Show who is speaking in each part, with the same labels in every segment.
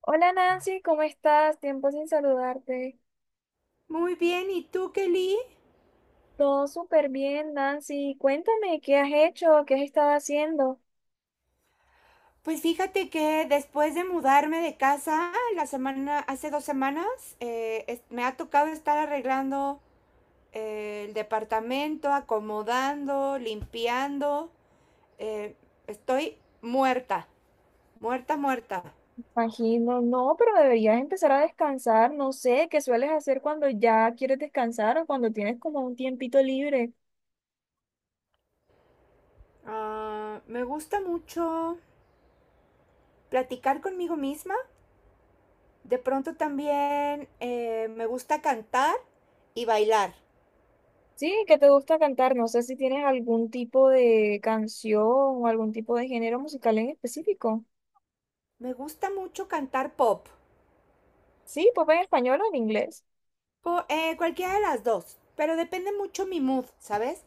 Speaker 1: Hola Nancy, ¿cómo estás? Tiempo sin saludarte.
Speaker 2: Muy bien, ¿y tú, Kelly?
Speaker 1: Todo súper bien, Nancy. Cuéntame, ¿qué has hecho? ¿Qué has estado haciendo?
Speaker 2: Pues fíjate que después de mudarme de casa la semana, hace dos semanas, me ha tocado estar arreglando el departamento, acomodando, limpiando. eh, Estoy muerta, muerta, muerta.
Speaker 1: Imagino, no, pero deberías empezar a descansar. No sé, ¿qué sueles hacer cuando ya quieres descansar o cuando tienes como un tiempito libre?
Speaker 2: Ah, me gusta mucho platicar conmigo misma. De pronto también me gusta cantar y bailar.
Speaker 1: Sí, ¿qué te gusta cantar? No sé si tienes algún tipo de canción o algún tipo de género musical en específico.
Speaker 2: Me gusta mucho cantar pop.
Speaker 1: Sí, pop en español o en inglés.
Speaker 2: Cualquiera de las dos, pero depende mucho mi mood, ¿sabes?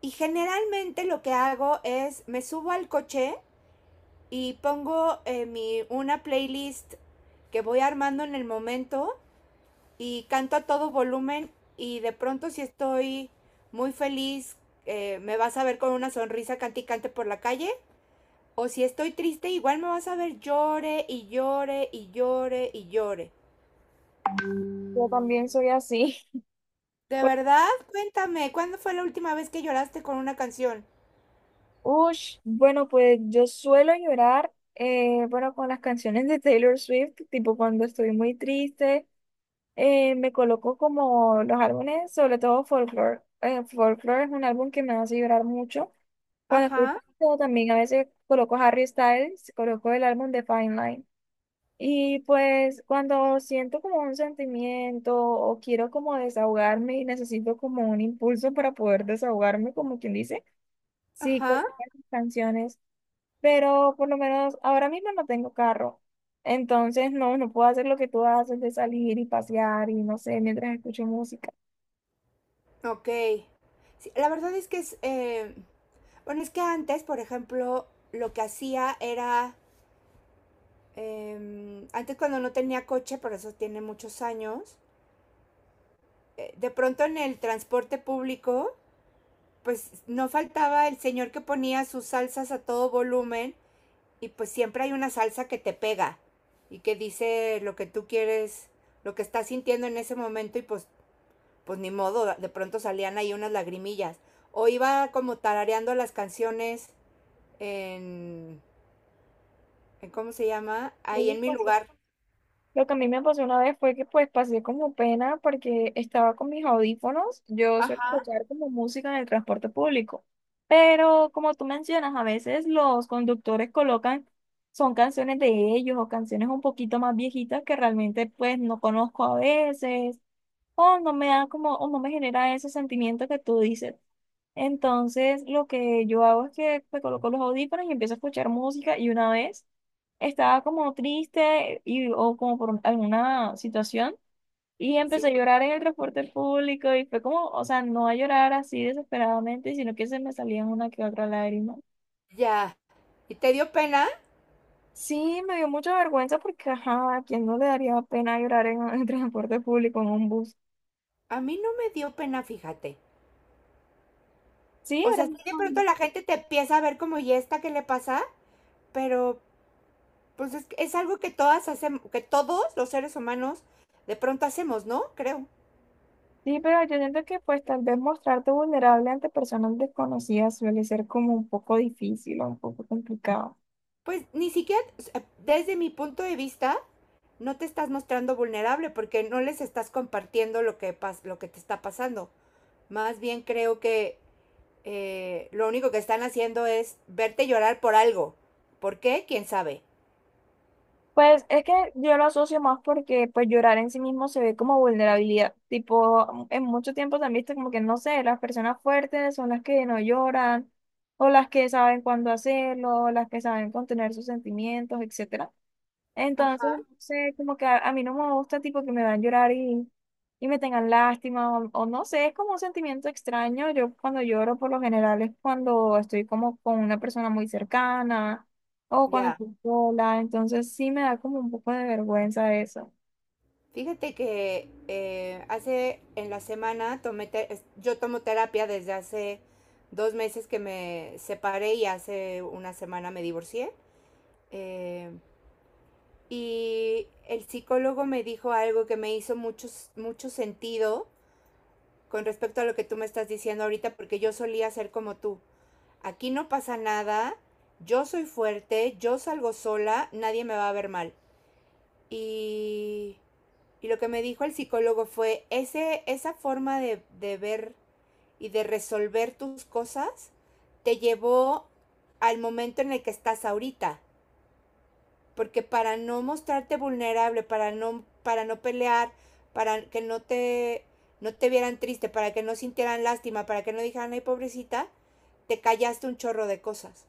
Speaker 2: Y generalmente lo que hago es me subo al coche y pongo una playlist que voy armando en el momento y canto a todo volumen, y de pronto si estoy muy feliz, me vas a ver con una sonrisa cante y cante por la calle, o si estoy triste igual me vas a ver llore y llore y llore y llore.
Speaker 1: Yo también soy así.
Speaker 2: De verdad, cuéntame, ¿cuándo fue la última vez que lloraste con una canción?
Speaker 1: Ush, bueno, pues yo suelo llorar, bueno, con las canciones de Taylor Swift, tipo cuando estoy muy triste, me coloco como los álbumes, sobre todo Folklore. Folklore es un álbum que me hace llorar mucho. Cuando estoy
Speaker 2: Ajá,
Speaker 1: triste también a veces coloco Harry Styles, coloco el álbum de Fine Line. Y pues cuando siento como un sentimiento o quiero como desahogarme y necesito como un impulso para poder desahogarme, como quien dice, sí,
Speaker 2: ajá,
Speaker 1: coloco esas canciones, pero por lo menos ahora mismo no tengo carro. Entonces, no puedo hacer lo que tú haces de salir y pasear y no sé, mientras escucho música.
Speaker 2: ok. Sí, la verdad es que bueno, es que antes, por ejemplo, lo que hacía era, antes cuando no tenía coche, por eso tiene muchos años, de pronto en el transporte público, pues no faltaba el señor que ponía sus salsas a todo volumen, y pues siempre hay una salsa que te pega y que dice lo que tú quieres, lo que estás sintiendo en ese momento, y pues ni modo, de pronto salían ahí unas lagrimillas. O iba como tarareando las canciones en, en, ¿cómo se llama?
Speaker 1: Sí,
Speaker 2: Ahí
Speaker 1: me
Speaker 2: en mi
Speaker 1: pasó.
Speaker 2: lugar.
Speaker 1: Lo que a mí me pasó una vez fue que pues pasé como pena porque estaba con mis audífonos. Yo suelo
Speaker 2: Ajá.
Speaker 1: escuchar como música en el transporte público. Pero como tú mencionas, a veces los conductores colocan, son canciones de ellos o canciones un poquito más viejitas que realmente pues no conozco a veces o no me da como, o no me genera ese sentimiento que tú dices. Entonces, lo que yo hago es que me coloco los audífonos y empiezo a escuchar música y una vez estaba como triste y, o como por alguna situación y
Speaker 2: Sí,
Speaker 1: empecé a llorar en el transporte público y fue como, o sea, no a llorar así desesperadamente, sino que se me salían una que otra lágrima.
Speaker 2: ya. ¿Y te dio pena?
Speaker 1: Sí, me dio mucha vergüenza porque, ajá, ¿a quién no le daría pena llorar en el transporte público, en un bus?
Speaker 2: A mí no me dio pena, fíjate.
Speaker 1: Sí,
Speaker 2: O
Speaker 1: era
Speaker 2: sea, sí, de pronto
Speaker 1: normal.
Speaker 2: la gente te empieza a ver como, ¿y esta qué le pasa? Pero, pues es algo que todas hacemos, que todos los seres humanos de pronto hacemos, ¿no? Creo.
Speaker 1: Sí, pero yo siento que pues tal vez mostrarte vulnerable ante personas desconocidas suele ser como un poco difícil o un poco complicado.
Speaker 2: Pues ni siquiera, desde mi punto de vista, no te estás mostrando vulnerable porque no les estás compartiendo lo que te está pasando. Más bien creo que lo único que están haciendo es verte llorar por algo. ¿Por qué? ¿Quién sabe?
Speaker 1: Pues es que yo lo asocio más porque pues llorar en sí mismo se ve como vulnerabilidad. Tipo, en mucho tiempo también está como que no sé, las personas fuertes son las que no lloran o las que saben cuándo hacerlo, o las que saben contener sus sentimientos, etcétera. Entonces,
Speaker 2: Ajá.
Speaker 1: no sé, como que a mí no me gusta tipo que me van a llorar y me tengan lástima o no sé, es como un sentimiento extraño. Yo cuando lloro por lo general es cuando estoy como con una persona muy cercana o cuando
Speaker 2: Ya.
Speaker 1: estoy sola, entonces sí me da como un poco de vergüenza eso.
Speaker 2: Fíjate que hace en la semana tomé te es- yo tomo terapia desde hace dos meses que me separé, y hace una semana me divorcié. Eh, y el psicólogo me dijo algo que me hizo mucho, mucho sentido con respecto a lo que tú me estás diciendo ahorita, porque yo solía ser como tú. Aquí no pasa nada, yo soy fuerte, yo salgo sola, nadie me va a ver mal. Y, y lo que me dijo el psicólogo fue, esa forma de ver y de resolver tus cosas te llevó al momento en el que estás ahorita, porque para no mostrarte vulnerable, para no pelear, para que no te, no te vieran triste, para que no sintieran lástima, para que no dijeran, ay, pobrecita, te callaste un chorro de cosas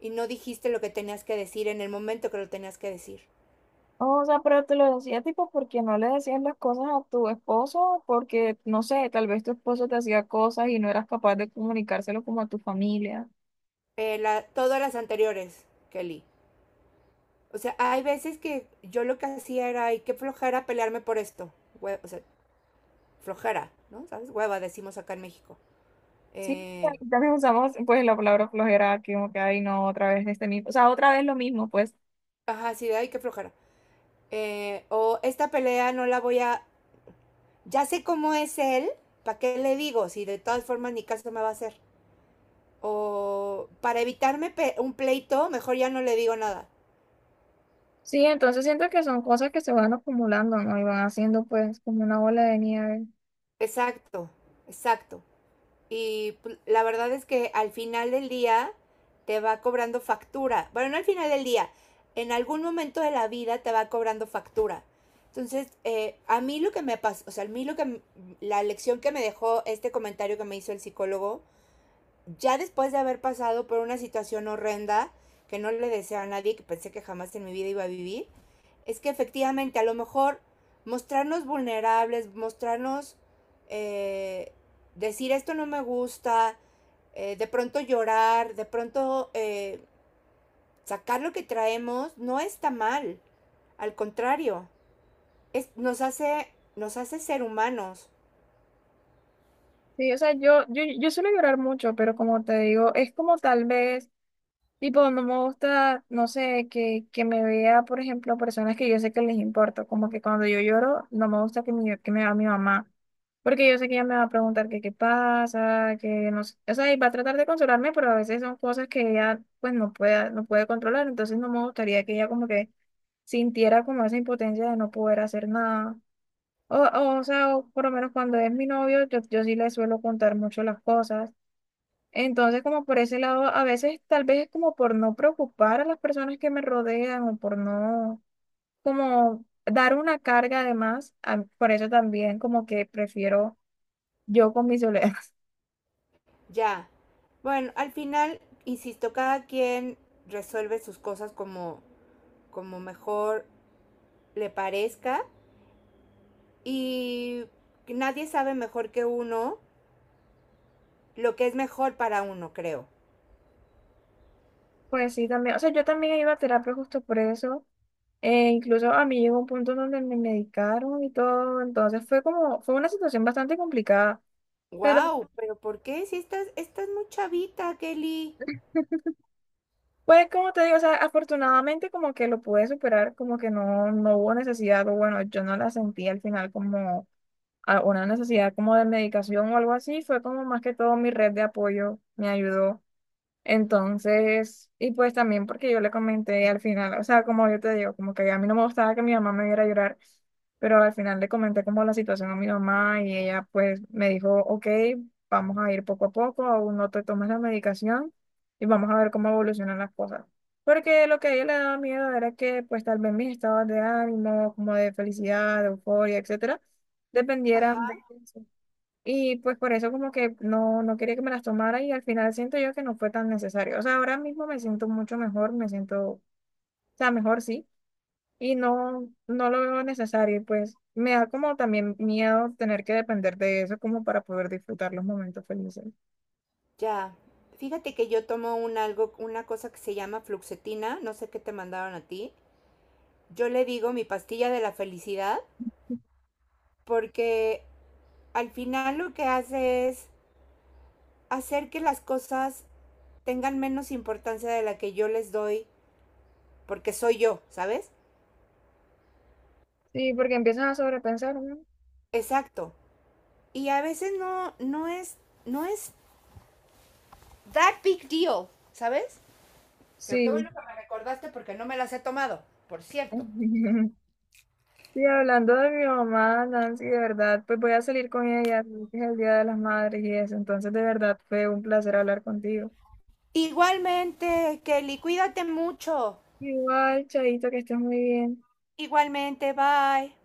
Speaker 2: y no dijiste lo que tenías que decir en el momento que lo tenías que decir.
Speaker 1: O sea, pero te lo decía tipo porque no le decías las cosas a tu esposo, porque no sé, tal vez tu esposo te hacía cosas y no eras capaz de comunicárselo como a tu familia.
Speaker 2: La, todas las anteriores, Kelly. O sea, hay veces que yo lo que hacía era, ay, qué flojera pelearme por esto. Hue O sea, flojera, ¿no? ¿Sabes? Hueva, decimos acá en México.
Speaker 1: Sí,
Speaker 2: Eh,
Speaker 1: también usamos pues la palabra flojera que como que ay no, otra vez este mismo, o sea, otra vez lo mismo, pues.
Speaker 2: ajá, sí, ay, qué flojera. O esta pelea no la voy a, Ya sé cómo es él, ¿para qué le digo? Si de todas formas ni caso me va a hacer. O para un pleito, mejor ya no le digo nada.
Speaker 1: Sí, entonces siento que son cosas que se van acumulando, ¿no? Y van haciendo pues como una bola de nieve.
Speaker 2: Exacto, exacto. Y pues, la verdad es que al final del día te va cobrando factura. Bueno, no al final del día, en algún momento de la vida te va cobrando factura. Entonces, a mí lo que me pasó, o sea, a mí lo que, la lección que me dejó este comentario que me hizo el psicólogo ya después de haber pasado por una situación horrenda que no le deseo a nadie, que pensé que jamás en mi vida iba a vivir, es que efectivamente a lo mejor mostrarnos vulnerables, eh, decir esto no me gusta, de pronto llorar, de pronto sacar lo que traemos, no está mal. Al contrario, es, nos, hace, nos hace ser humanos.
Speaker 1: Sí, o sea, yo suelo llorar mucho, pero como te digo, es como tal vez… Tipo, no me gusta, no sé, que me vea, por ejemplo, personas que yo sé que les importo. Como que cuando yo lloro, no me gusta que me vea mi mamá. Porque yo sé que ella me va a preguntar que qué pasa, que no sé. O sea, y va a tratar de consolarme, pero a veces son cosas que ella, pues, no puede controlar. Entonces, no me gustaría que ella, como que sintiera como esa impotencia de no poder hacer nada. O sea, o por lo menos cuando es mi novio, yo sí le suelo contar mucho las cosas. Entonces, como por ese lado, a veces tal vez es como por no preocupar a las personas que me rodean o por no, como dar una carga además, por eso también como que prefiero yo con mi soledad.
Speaker 2: Ya. Bueno, al final, insisto, cada quien resuelve sus cosas como, como mejor le parezca, y nadie sabe mejor que uno lo que es mejor para uno, creo.
Speaker 1: Pues sí, también, o sea, yo también iba a terapia justo por eso, incluso a mí llegó un punto donde me medicaron y todo, entonces fue como, fue una situación bastante complicada, pero
Speaker 2: Wow, pero ¿por qué? Si estás, estás muy chavita, Kelly.
Speaker 1: pues como te digo, o sea, afortunadamente como que lo pude superar, como que no, no hubo necesidad, o bueno, yo no la sentí al final como una necesidad como de medicación o algo así, fue como más que todo mi red de apoyo me ayudó. Entonces, y pues también porque yo le comenté al final, o sea, como yo te digo, como que a mí no me gustaba que mi mamá me viera llorar, pero al final le comenté como la situación a mi mamá y ella pues me dijo, ok, vamos a ir poco a poco, aún no te tomes la medicación y vamos a ver cómo evolucionan las cosas. Porque lo que a ella le daba miedo era que pues tal vez mis estados de ánimo, como de felicidad, de euforia, etcétera,
Speaker 2: Ajá,
Speaker 1: dependieran de eso. Y pues por eso como que no, no quería que me las tomara y al final siento yo que no fue tan necesario. O sea, ahora mismo me siento mucho mejor, me siento, o sea, mejor sí, y no lo veo necesario. Y pues me da como también miedo tener que depender de eso como para poder disfrutar los momentos felices.
Speaker 2: ya. Fíjate que yo tomo un algo, una cosa que se llama fluxetina, no sé qué te mandaron a ti. Yo le digo mi pastilla de la felicidad, porque al final lo que hace es hacer que las cosas tengan menos importancia de la que yo les doy porque soy yo, ¿sabes?
Speaker 1: Sí, porque empiezas a sobrepensar, ¿no?
Speaker 2: Exacto. Y a veces no es, no es that big deal, ¿sabes? Qué
Speaker 1: Sí.
Speaker 2: bueno que me recordaste porque no me las he tomado, por cierto.
Speaker 1: Y hablando de mi mamá, Nancy, de verdad, pues voy a salir con ella, es el Día de las Madres y eso. Entonces, de verdad, fue un placer hablar contigo.
Speaker 2: Igualmente, Kelly, cuídate mucho.
Speaker 1: Igual, Chaito, que estés muy bien.
Speaker 2: Igualmente, bye.